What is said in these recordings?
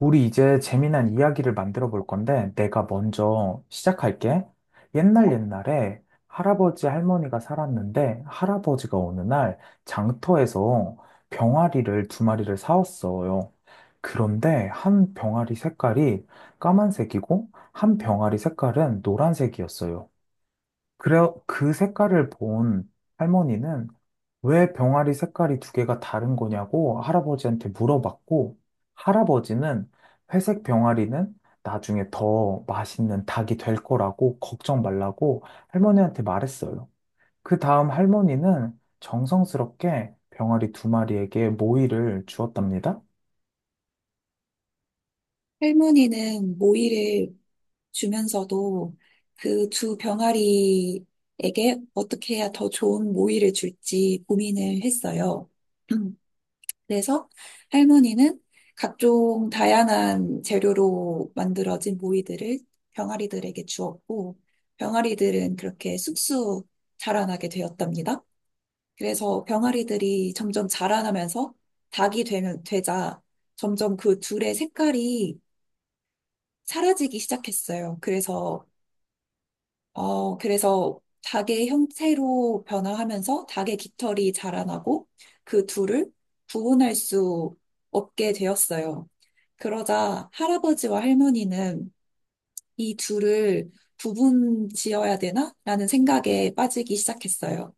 우리 이제 재미난 이야기를 만들어 볼 건데, 내가 먼저 시작할게. 옛날 옛날에 할아버지 할머니가 살았는데, 할아버지가 어느 날 장터에서 병아리를 두 마리를 사왔어요. 그런데 한 병아리 색깔이 까만색이고, 한 병아리 색깔은 노란색이었어요. 그래, 그 색깔을 본 할머니는 왜 병아리 색깔이 두 개가 다른 거냐고 할아버지한테 물어봤고, 할아버지는 회색 병아리는 나중에 더 맛있는 닭이 될 거라고 걱정 말라고 할머니한테 말했어요. 그 다음 할머니는 정성스럽게 병아리 두 마리에게 모이를 주었답니다. 할머니는 모이를 주면서도 그 두 병아리에게 어떻게 해야 더 좋은 모이를 줄지 고민을 했어요. 그래서 할머니는 각종 다양한 재료로 만들어진 모이들을 병아리들에게 주었고, 병아리들은 그렇게 쑥쑥 자라나게 되었답니다. 그래서 병아리들이 점점 자라나면서 닭이 되자 점점 그 둘의 색깔이 사라지기 시작했어요. 그래서 닭의 형태로 변화하면서 닭의 깃털이 자라나고 그 둘을 구분할 수 없게 되었어요. 그러자 할아버지와 할머니는 이 둘을 구분 지어야 되나? 라는 생각에 빠지기 시작했어요.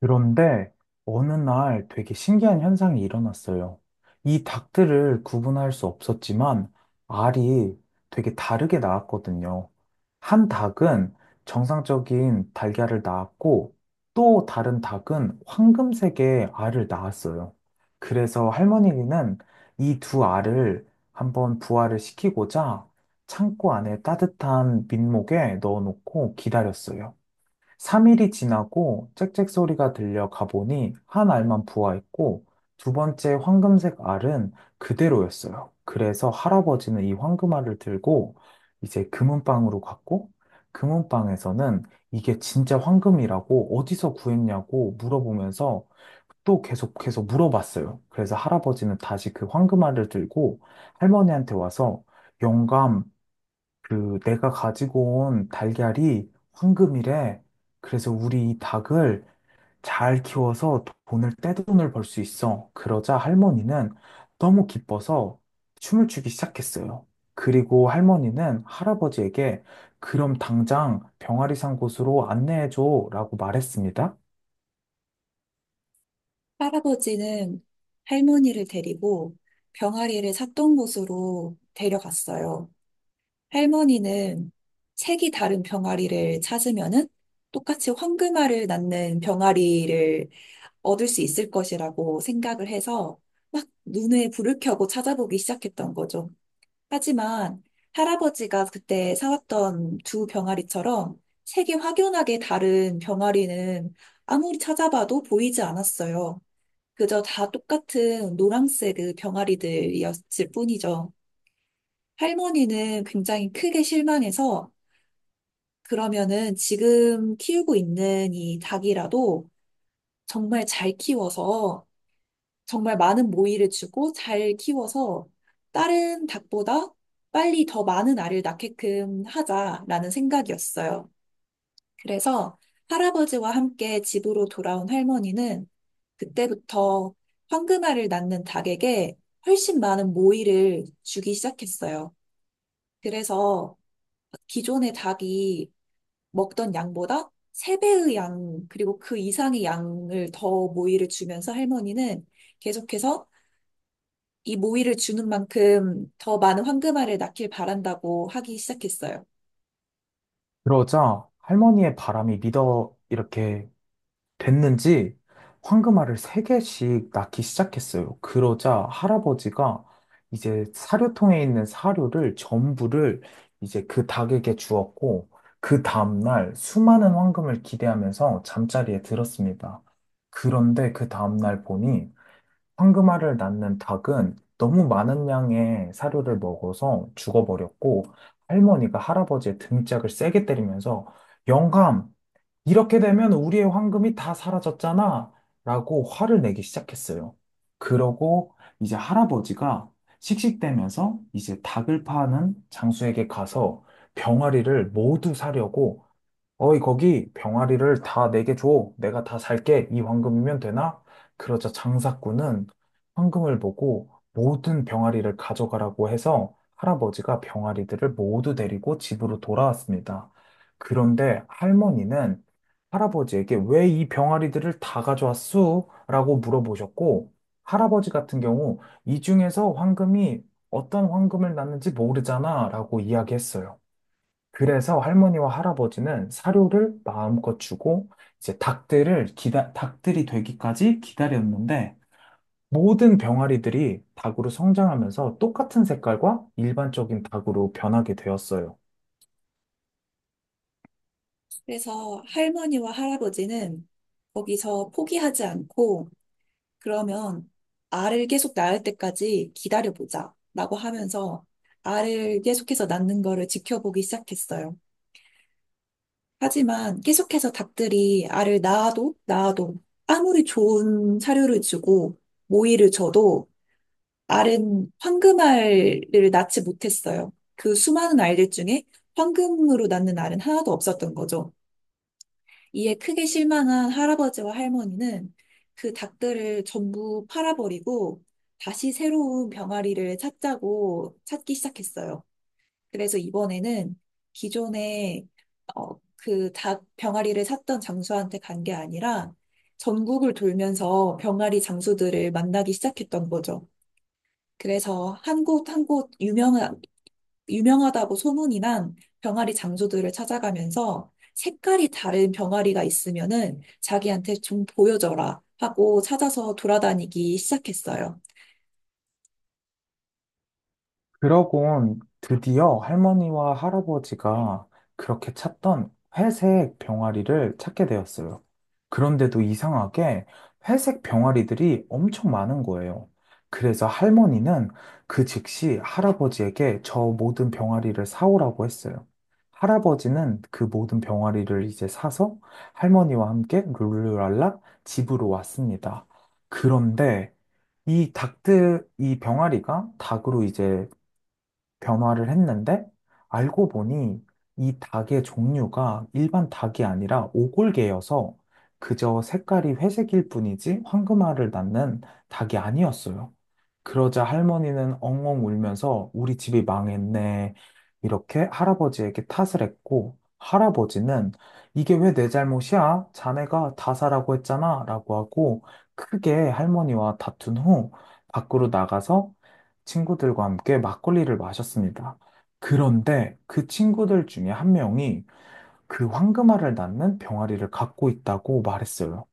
그런데 어느 날 되게 신기한 현상이 일어났어요. 이 닭들을 구분할 수 없었지만 알이 되게 다르게 나왔거든요. 한 닭은 정상적인 달걀을 낳았고 또 다른 닭은 황금색의 알을 낳았어요. 그래서 할머니는 이 두 알을 한번 부화를 시키고자 창고 안에 따뜻한 민목에 넣어놓고 기다렸어요. 3일이 지나고 짹짹 소리가 들려 가보니 한 알만 부화했고 두 번째 황금색 알은 그대로였어요. 그래서 할아버지는 이 황금알을 들고 이제 금은방으로 갔고 금은방에서는 이게 진짜 황금이라고 어디서 구했냐고 물어보면서 또 계속 계속 물어봤어요. 그래서 할아버지는 다시 그 황금알을 들고 할머니한테 와서 영감, 그 내가 가지고 온 달걀이 황금이래. 그래서 우리 이 닭을 잘 키워서 돈을 떼돈을 벌 수 있어. 그러자 할머니는 너무 기뻐서 춤을 추기 시작했어요. 그리고 할머니는 할아버지에게 그럼 당장 병아리산 곳으로 안내해줘라고 말했습니다. 할아버지는 할머니를 데리고 병아리를 샀던 곳으로 데려갔어요. 할머니는 색이 다른 병아리를 찾으면은 똑같이 황금알을 낳는 병아리를 얻을 수 있을 것이라고 생각을 해서 막 눈에 불을 켜고 찾아보기 시작했던 거죠. 하지만 할아버지가 그때 사왔던 두 병아리처럼 색이 확연하게 다른 병아리는 아무리 찾아봐도 보이지 않았어요. 그저 다 똑같은 노란색 그 병아리들이었을 뿐이죠. 할머니는 굉장히 크게 실망해서 그러면은 지금 키우고 있는 이 닭이라도 정말 잘 키워서 정말 많은 모이를 주고 잘 키워서 다른 닭보다 빨리 더 많은 알을 낳게끔 하자라는 생각이었어요. 그래서 할아버지와 함께 집으로 돌아온 할머니는 그때부터 황금알을 낳는 닭에게 훨씬 많은 모이를 주기 시작했어요. 그래서 기존의 닭이 먹던 양보다 세배의 양, 그리고 그 이상의 양을 더 모이를 주면서 할머니는 계속해서 이 모이를 주는 만큼 더 많은 황금알을 낳길 바란다고 하기 시작했어요. 그러자 할머니의 바람이 믿어 이렇게 됐는지 황금알을 3개씩 낳기 시작했어요. 그러자 할아버지가 이제 사료통에 있는 사료를 전부를 이제 그 닭에게 주었고, 그 다음날 수많은 황금을 기대하면서 잠자리에 들었습니다. 그런데 그 다음날 보니 황금알을 낳는 닭은 너무 많은 양의 사료를 먹어서 죽어버렸고, 할머니가 할아버지의 등짝을 세게 때리면서 영감! 이렇게 되면 우리의 황금이 다 사라졌잖아. 라고 화를 내기 시작했어요. 그러고 이제 할아버지가 씩씩대면서 이제 닭을 파는 장수에게 가서 병아리를 모두 사려고 어이, 거기 병아리를 다 내게 줘. 내가 다 살게. 이 황금이면 되나? 그러자 장사꾼은 황금을 보고 모든 병아리를 가져가라고 해서 할아버지가 병아리들을 모두 데리고 집으로 돌아왔습니다. 그런데 할머니는 할아버지에게 왜 이 병아리들을 다 가져왔수? 라고 물어보셨고, 할아버지 같은 경우 이 중에서 황금이 어떤 황금을 낳는지 모르잖아. 라고 이야기했어요. 그래서 할머니와 할아버지는 사료를 마음껏 주고 이제 닭들이 되기까지 기다렸는데 모든 병아리들이 닭으로 성장하면서 똑같은 색깔과 일반적인 닭으로 변하게 되었어요. 그래서 할머니와 할아버지는 거기서 포기하지 않고 그러면 알을 계속 낳을 때까지 기다려보자 라고 하면서 알을 계속해서 낳는 거를 지켜보기 시작했어요. 하지만 계속해서 닭들이 알을 낳아도 낳아도 아무리 좋은 사료를 주고 모이를 줘도 알은 황금알을 낳지 못했어요. 그 수많은 알들 중에 황금으로 낳는 알은 하나도 없었던 거죠. 이에 크게 실망한 할아버지와 할머니는 그 닭들을 전부 팔아버리고 다시 새로운 병아리를 찾자고 찾기 시작했어요. 그래서 이번에는 기존에 그 닭 병아리를 샀던 장수한테 간 게 아니라 전국을 돌면서 병아리 장수들을 만나기 시작했던 거죠. 그래서 한 곳 한 곳 유명하다고 소문이 난 병아리 장수들을 찾아가면서 색깔이 다른 병아리가 있으면은 자기한테 좀 보여줘라 하고 찾아서 돌아다니기 시작했어요. 그러곤 드디어 할머니와 할아버지가 그렇게 찾던 회색 병아리를 찾게 되었어요. 그런데도 이상하게 회색 병아리들이 엄청 많은 거예요. 그래서 할머니는 그 즉시 할아버지에게 저 모든 병아리를 사오라고 했어요. 할아버지는 그 모든 병아리를 이제 사서 할머니와 함께 룰루랄라 집으로 왔습니다. 그런데 이 병아리가 닭으로 이제 변화를 했는데 알고 보니 이 닭의 종류가 일반 닭이 아니라 오골계여서 그저 색깔이 회색일 뿐이지 황금알을 낳는 닭이 아니었어요. 그러자 할머니는 엉엉 울면서 우리 집이 망했네. 이렇게 할아버지에게 탓을 했고, 할아버지는 이게 왜 내 잘못이야? 자네가 다 사라고 했잖아. 라고 하고, 크게 할머니와 다툰 후, 밖으로 나가서 친구들과 함께 막걸리를 마셨습니다. 그런데 그 친구들 중에 한 명이 그 황금알을 낳는 병아리를 갖고 있다고 말했어요.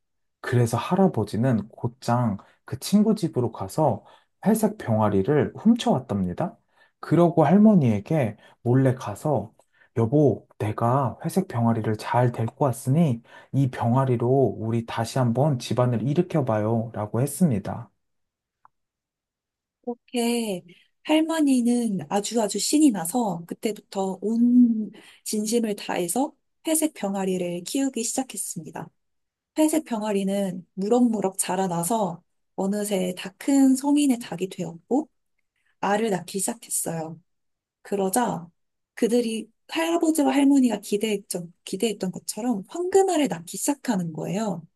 그래서 할아버지는 곧장 그 친구 집으로 가서 회색 병아리를 훔쳐왔답니다. 그러고 할머니에게 몰래 가서 여보, 내가 회색 병아리를 잘 데리고 왔으니 이 병아리로 우리 다시 한번 집안을 일으켜봐요 라고 했습니다. 그렇게 할머니는 아주 아주 신이 나서 그때부터 온 진심을 다해서 회색 병아리를 키우기 시작했습니다. 회색 병아리는 무럭무럭 자라나서 어느새 다 큰 성인의 닭이 되었고 알을 낳기 시작했어요. 그러자 그들이 할아버지와 할머니가 기대했던 것처럼 황금알을 낳기 시작하는 거예요.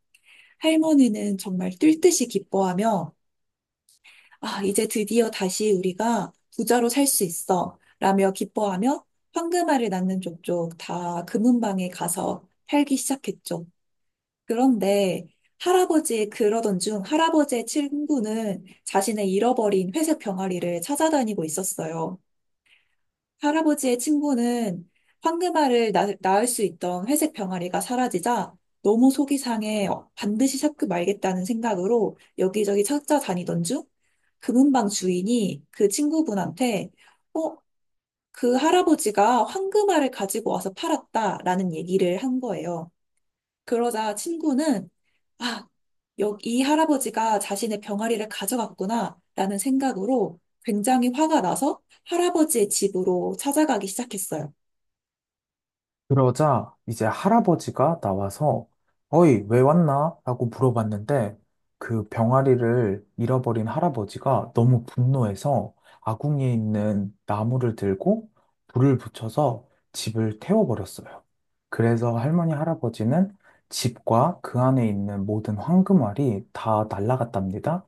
할머니는 정말 뛸 듯이 기뻐하며 아, 이제 드디어 다시 우리가 부자로 살 수 있어. 라며 기뻐하며 황금알을 낳는 족족 다 금은방에 가서 살기 시작했죠. 그런데 할아버지의 그러던 중 할아버지의 친구는 자신의 잃어버린 회색 병아리를 찾아다니고 있었어요. 할아버지의 친구는 황금알을 낳을 수 있던 회색 병아리가 사라지자 너무 속이 상해 반드시 찾고 말겠다는 생각으로 여기저기 찾아다니던 중 금은방 주인이 그 친구분한테 어, 그 할아버지가 황금알을 가지고 와서 팔았다라는 얘기를 한 거예요. 그러자 친구는 아, 여기 이 할아버지가 자신의 병아리를 가져갔구나 라는 생각으로 굉장히 화가 나서 할아버지의 집으로 찾아가기 시작했어요. 그러자 이제 할아버지가 나와서 어이, 왜 왔나? 라고 물어봤는데 그 병아리를 잃어버린 할아버지가 너무 분노해서 아궁이에 있는 나무를 들고 불을 붙여서 집을 태워버렸어요. 그래서 할머니, 할아버지는 집과 그 안에 있는 모든 황금알이 다 날아갔답니다.